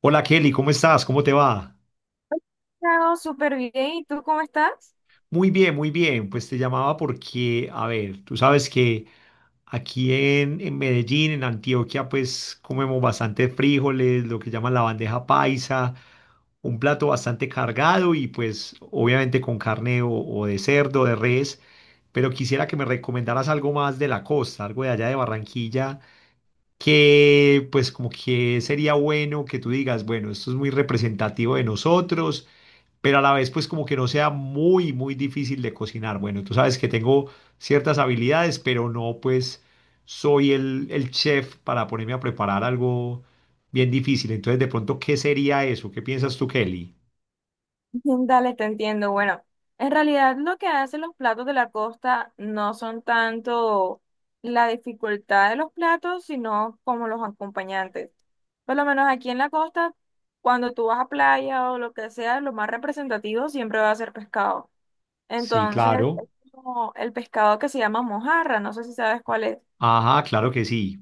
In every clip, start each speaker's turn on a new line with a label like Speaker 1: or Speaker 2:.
Speaker 1: Hola Kelly, ¿cómo estás? ¿Cómo te va?
Speaker 2: Chao, súper bien. ¿Y tú cómo estás?
Speaker 1: Muy bien, muy bien. Pues te llamaba porque, a ver, tú sabes que aquí en Medellín, en Antioquia, pues comemos bastante frijoles, lo que llaman la bandeja paisa, un plato bastante cargado y pues obviamente con carne o de cerdo, de res, pero quisiera que me recomendaras algo más de la costa, algo de allá de Barranquilla, que pues como que sería bueno que tú digas, bueno, esto es muy representativo de nosotros pero a la vez pues como que no sea muy difícil de cocinar. Bueno, tú sabes que tengo ciertas habilidades, pero no pues soy el chef para ponerme a preparar algo bien difícil. Entonces, de pronto, ¿qué sería eso? ¿Qué piensas tú, Kelly?
Speaker 2: Dale, te entiendo. Bueno, en realidad lo que hacen los platos de la costa no son tanto la dificultad de los platos, sino como los acompañantes. Por lo menos aquí en la costa, cuando tú vas a playa o lo que sea, lo más representativo siempre va a ser pescado.
Speaker 1: Sí,
Speaker 2: Entonces,
Speaker 1: claro.
Speaker 2: es como el pescado que se llama mojarra, no sé si sabes cuál es.
Speaker 1: Ajá, claro que sí.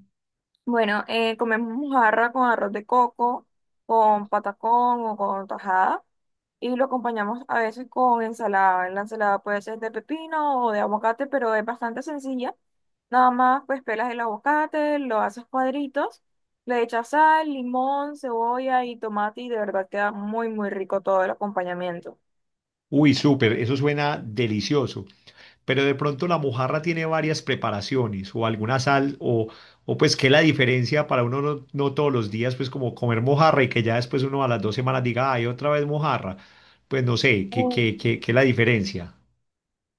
Speaker 2: Bueno, comemos mojarra con arroz de coco, con patacón o con tajada y lo acompañamos a veces con ensalada. La ensalada puede ser de pepino o de aguacate, pero es bastante sencilla. Nada más pues pelas el aguacate, lo haces cuadritos, le echas sal, limón, cebolla y tomate y de verdad queda muy muy rico todo el acompañamiento.
Speaker 1: Uy, súper, eso suena delicioso. Pero de pronto la mojarra tiene varias preparaciones o alguna sal o pues qué es la diferencia para uno no todos los días pues como comer mojarra y que ya después uno a las dos semanas diga, ay, otra vez mojarra. Pues no sé, ¿qué, qué,
Speaker 2: Eh,
Speaker 1: qué, qué es la diferencia?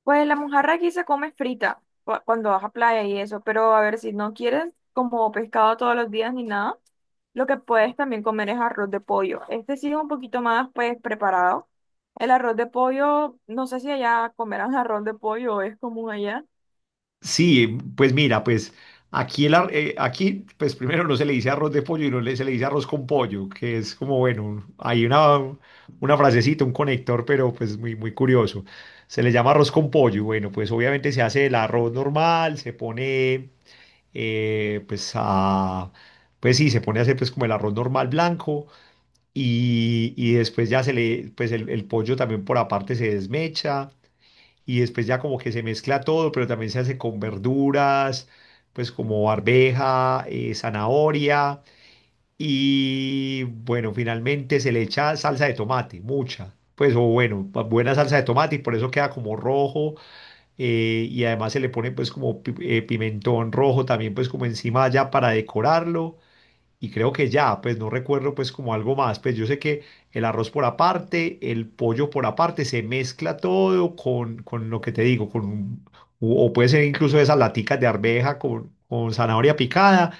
Speaker 2: Pues la mojarra aquí se come frita cuando vas a playa y eso, pero a ver, si no quieres como pescado todos los días ni nada, lo que puedes también comer es arroz de pollo. Este sí es un poquito más pues preparado. El arroz de pollo, no sé si allá comerán arroz de pollo es común allá.
Speaker 1: Sí, pues mira, pues aquí, aquí, pues primero no se le dice arroz de pollo y no le- se le dice arroz con pollo, que es como, bueno, hay una frasecita, un conector, pero pues muy curioso. Se le llama arroz con pollo. Bueno, pues obviamente se hace el arroz normal, se pone, eh, pues a, pues sí, se pone a hacer pues como el arroz normal blanco y después ya se le, pues el pollo también por aparte se desmecha y después ya como que se mezcla todo, pero también se hace con verduras, pues como arveja, zanahoria y bueno, finalmente se le echa salsa de tomate, mucha. Pues o bueno, buena salsa de tomate y por eso queda como rojo y además se le pone pues como pimentón rojo también pues como encima ya para decorarlo y creo que ya, pues no recuerdo pues como algo más, pues yo sé que el arroz por aparte, el pollo por aparte, se mezcla todo con lo que te digo, o puede ser incluso esas laticas de arveja con zanahoria picada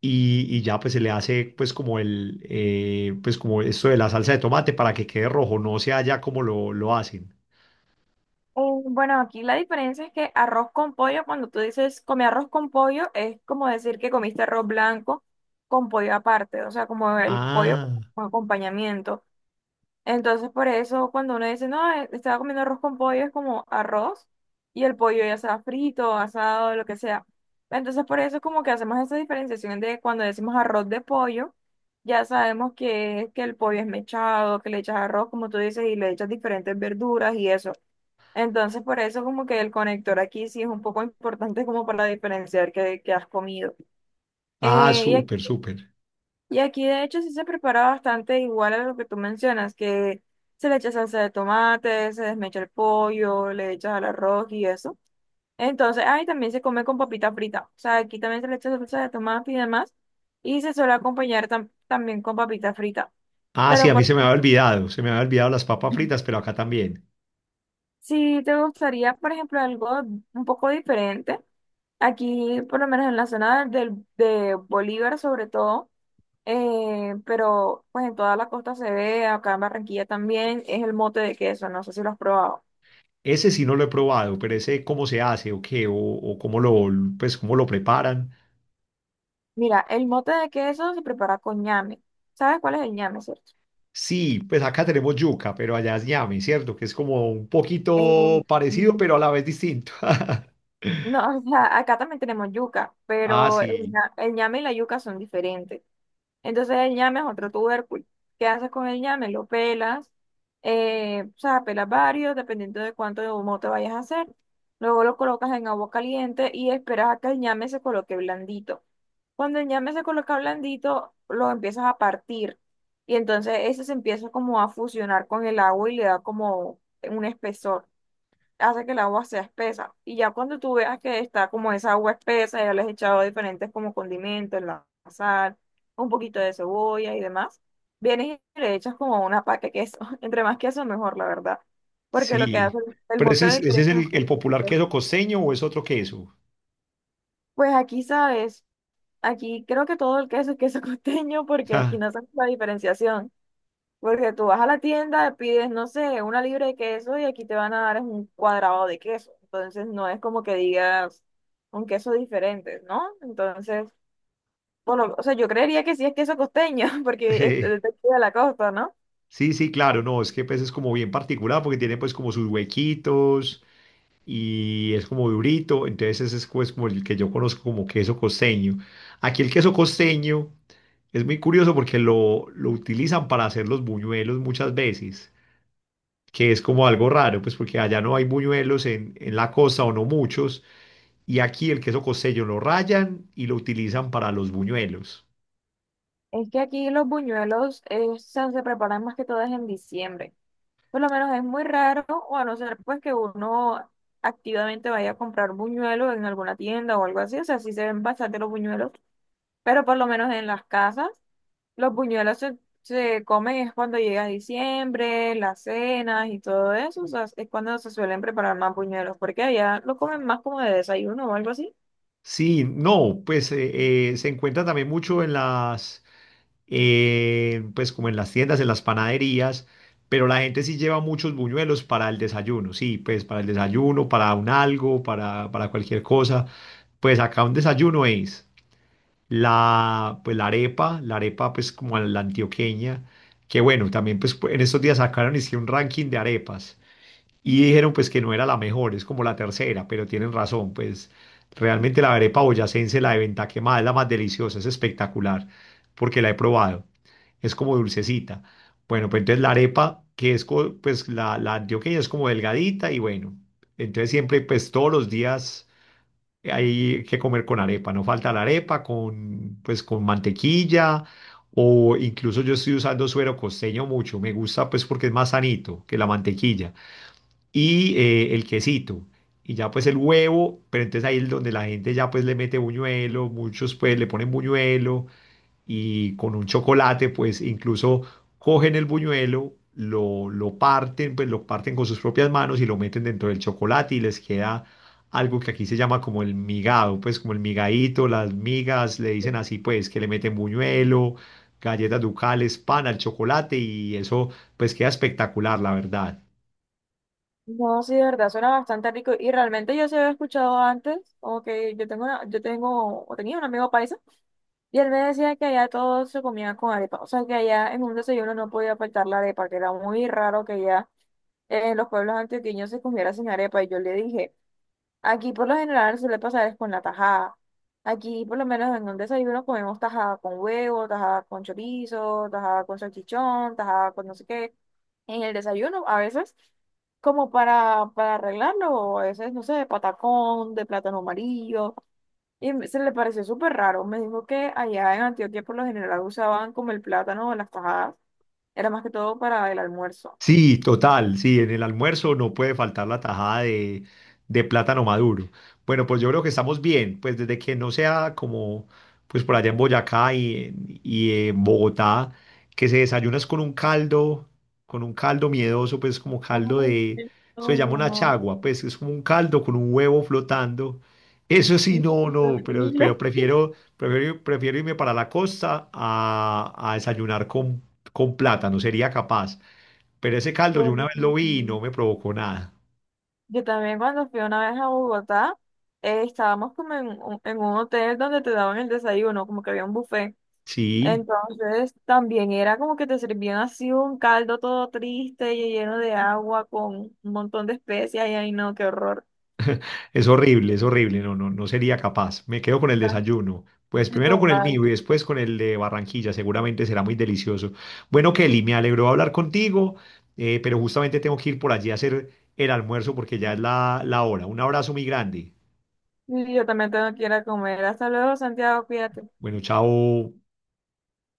Speaker 1: y ya pues se le hace pues como el, pues como esto de la salsa de tomate para que quede rojo, no sea ya como lo hacen.
Speaker 2: Bueno, aquí la diferencia es que arroz con pollo, cuando tú dices comí arroz con pollo, es como decir que comiste arroz blanco con pollo aparte, o sea, como el pollo
Speaker 1: Ah,
Speaker 2: como acompañamiento. Entonces, por eso, cuando uno dice, no, estaba comiendo arroz con pollo, es como arroz y el pollo ya sea frito, asado, lo que sea. Entonces, por eso es como que hacemos esa diferenciación de cuando decimos arroz de pollo, ya sabemos que el pollo es mechado, que le echas arroz, como tú dices, y le echas diferentes verduras y eso. Entonces, por eso como que el conector aquí sí es un poco importante como para diferenciar qué, qué has comido. Eh,
Speaker 1: súper, súper.
Speaker 2: y aquí de hecho sí se prepara bastante igual a lo que tú mencionas, que se le echa salsa de tomate, se desmecha el pollo, le echas al arroz y eso. Entonces, ahí también se come con papita frita. O sea, aquí también se le echa salsa de tomate y demás. Y se suele acompañar también con papita frita.
Speaker 1: Ah, sí,
Speaker 2: Pero
Speaker 1: a mí se me había olvidado, se me había olvidado las papas fritas, pero acá también.
Speaker 2: si te gustaría, por ejemplo, algo un poco diferente, aquí por lo menos en la zona de Bolívar sobre todo. Pero pues en toda la costa se ve, acá en Barranquilla también, es el mote de queso, no sé si lo has probado.
Speaker 1: Ese sí no lo he probado, pero ese cómo se hace o qué, o cómo lo, pues, cómo lo preparan.
Speaker 2: Mira, el mote de queso se prepara con ñame. ¿Sabes cuál es el ñame, cierto?
Speaker 1: Sí, pues acá tenemos yuca, pero allá es ñame, ¿cierto? Que es como un poquito
Speaker 2: El-
Speaker 1: parecido,
Speaker 2: mm,
Speaker 1: pero a la vez distinto.
Speaker 2: no, o sea, acá también tenemos yuca,
Speaker 1: Ah,
Speaker 2: pero
Speaker 1: sí,
Speaker 2: el ñame y la yuca son diferentes. Entonces el ñame es otro tubérculo. ¿Qué haces con el ñame? Lo pelas, o sea, pelas varios, dependiendo de cuánto de humo te vayas a hacer. Luego lo colocas en agua caliente y esperas a que el ñame se coloque blandito. Cuando el ñame se coloca blandito, lo empiezas a partir y entonces ese se empieza como a fusionar con el agua y le da como un espesor, hace que el agua sea espesa. Y ya cuando tú veas que está como esa agua espesa, ya le has echado diferentes como condimentos, la sal, un poquito de cebolla y demás, vienes y le echas como una paca de queso. Entre más queso, mejor, la verdad. Porque lo que hace
Speaker 1: sí.
Speaker 2: el
Speaker 1: Pero
Speaker 2: mote de
Speaker 1: ese es
Speaker 2: queso,
Speaker 1: el popular
Speaker 2: es-
Speaker 1: queso costeño o es otro queso.
Speaker 2: pues aquí sabes, aquí creo que todo el queso es queso costeño porque aquí
Speaker 1: Ah,
Speaker 2: no hacemos la diferenciación. Porque tú vas a la tienda, pides, no sé, una libra de queso y aquí te van a dar es un cuadrado de queso. Entonces no es como que digas un queso diferente, ¿no? Entonces, o sea, yo creería que sí es queso costeño, porque es
Speaker 1: eh,
Speaker 2: de aquí de la costa, ¿no?
Speaker 1: sí, sí, claro, no, es que pues es como bien particular porque tiene pues como sus huequitos. Y es como durito, entonces ese es pues, como el que yo conozco como queso costeño. Aquí el queso costeño es muy curioso porque lo utilizan para hacer los buñuelos muchas veces, que es como algo raro, pues porque allá no hay buñuelos en la costa o no muchos, y aquí el queso costeño lo rayan y lo utilizan para los buñuelos.
Speaker 2: Es que aquí los buñuelos se preparan más que todo es en diciembre. Por lo menos es muy raro, o a no ser pues que uno activamente vaya a comprar buñuelos en alguna tienda o algo así. O sea, sí se ven bastante los buñuelos, pero por lo menos en las casas. Los se comen es cuando llega diciembre, las cenas y todo eso, o sea, es cuando se suelen preparar más buñuelos, porque allá lo comen más como de desayuno o algo así.
Speaker 1: Sí, no, pues se encuentra también mucho en las pues como en las tiendas, en las panaderías, pero la gente sí lleva muchos buñuelos para el desayuno, sí, pues para el desayuno, para un algo, para cualquier cosa. Pues acá un desayuno es la, pues la arepa pues como la antioqueña, que bueno, también pues en estos días sacaron hicieron un ranking de arepas. Y dijeron pues que no era la mejor, es como la tercera, pero tienen razón, pues realmente la arepa boyacense, la de venta quemada, es la más deliciosa, es espectacular, porque la he probado, es como dulcecita. Bueno, pues entonces la arepa, que es pues la antioqueña es como delgadita y bueno, entonces siempre pues todos los días hay que comer con arepa, no falta la arepa con pues con mantequilla o incluso yo estoy usando suero costeño mucho, me gusta pues porque es más sanito que la mantequilla y el quesito. Y ya pues el huevo, pero entonces ahí es donde la gente ya pues le mete buñuelo, muchos pues le ponen buñuelo y con un chocolate pues incluso cogen el buñuelo, lo parten, pues lo parten con sus propias manos y lo meten dentro del chocolate y les queda algo que aquí se llama como el migado, pues como el migadito, las migas, le dicen así pues que le meten buñuelo, galletas ducales, pan al chocolate y eso pues queda espectacular, la verdad.
Speaker 2: No, sí, de verdad, suena bastante rico y realmente yo se había escuchado antes, como que yo tengo yo tengo, o tenía un amigo paisa y él me decía que allá todo se comía con arepa, o sea, que allá en un desayuno no podía faltar la arepa, que era muy raro que allá en los pueblos antioqueños se comiera sin arepa y yo le dije... Aquí por lo general suele pasar es con la tajada. Aquí por lo menos en el desayuno comemos tajada con huevo, tajada con chorizo, tajada con salchichón, tajada con no sé qué. En el desayuno a veces como para arreglarlo, o a veces no sé, de patacón, de plátano amarillo. Se le pareció súper raro. Me dijo que allá en Antioquia por lo general usaban como el plátano o las tajadas. Era más que todo para el almuerzo.
Speaker 1: Sí, total, sí, en el almuerzo no puede faltar la tajada de plátano maduro. Bueno, pues yo creo que estamos bien, pues desde que no sea como, pues por allá en Boyacá y en Bogotá, que se desayunas con un caldo miedoso, pues como caldo de,
Speaker 2: Ay,
Speaker 1: eso se
Speaker 2: no,
Speaker 1: llama
Speaker 2: no,
Speaker 1: una
Speaker 2: no,
Speaker 1: chagua, pues es como un caldo con un huevo flotando. Eso sí, no,
Speaker 2: qué
Speaker 1: no,
Speaker 2: horrible.
Speaker 1: pero prefiero irme para la costa a desayunar con plátano, sería capaz. Pero ese caldo yo una vez lo
Speaker 2: Pobrecito.
Speaker 1: vi y no me provocó nada.
Speaker 2: Yo también cuando fui una vez a Bogotá, estábamos como en un hotel donde te daban el desayuno, como que había un buffet.
Speaker 1: Sí,
Speaker 2: Entonces también era como que te servían así un caldo todo triste y lleno de agua con un montón de especias y ay no, qué horror.
Speaker 1: es horrible, es horrible. No, no, no sería capaz. Me quedo con el
Speaker 2: Pero,
Speaker 1: desayuno. Pues
Speaker 2: en
Speaker 1: primero con el
Speaker 2: total.
Speaker 1: mío y después con el de Barranquilla. Seguramente será muy delicioso. Bueno, Kelly, me alegró hablar contigo, pero justamente tengo que ir por allí a hacer el almuerzo porque ya es la, la hora. Un abrazo muy grande.
Speaker 2: Y yo también tengo que ir a comer. Hasta luego, Santiago, cuídate.
Speaker 1: Bueno, chao.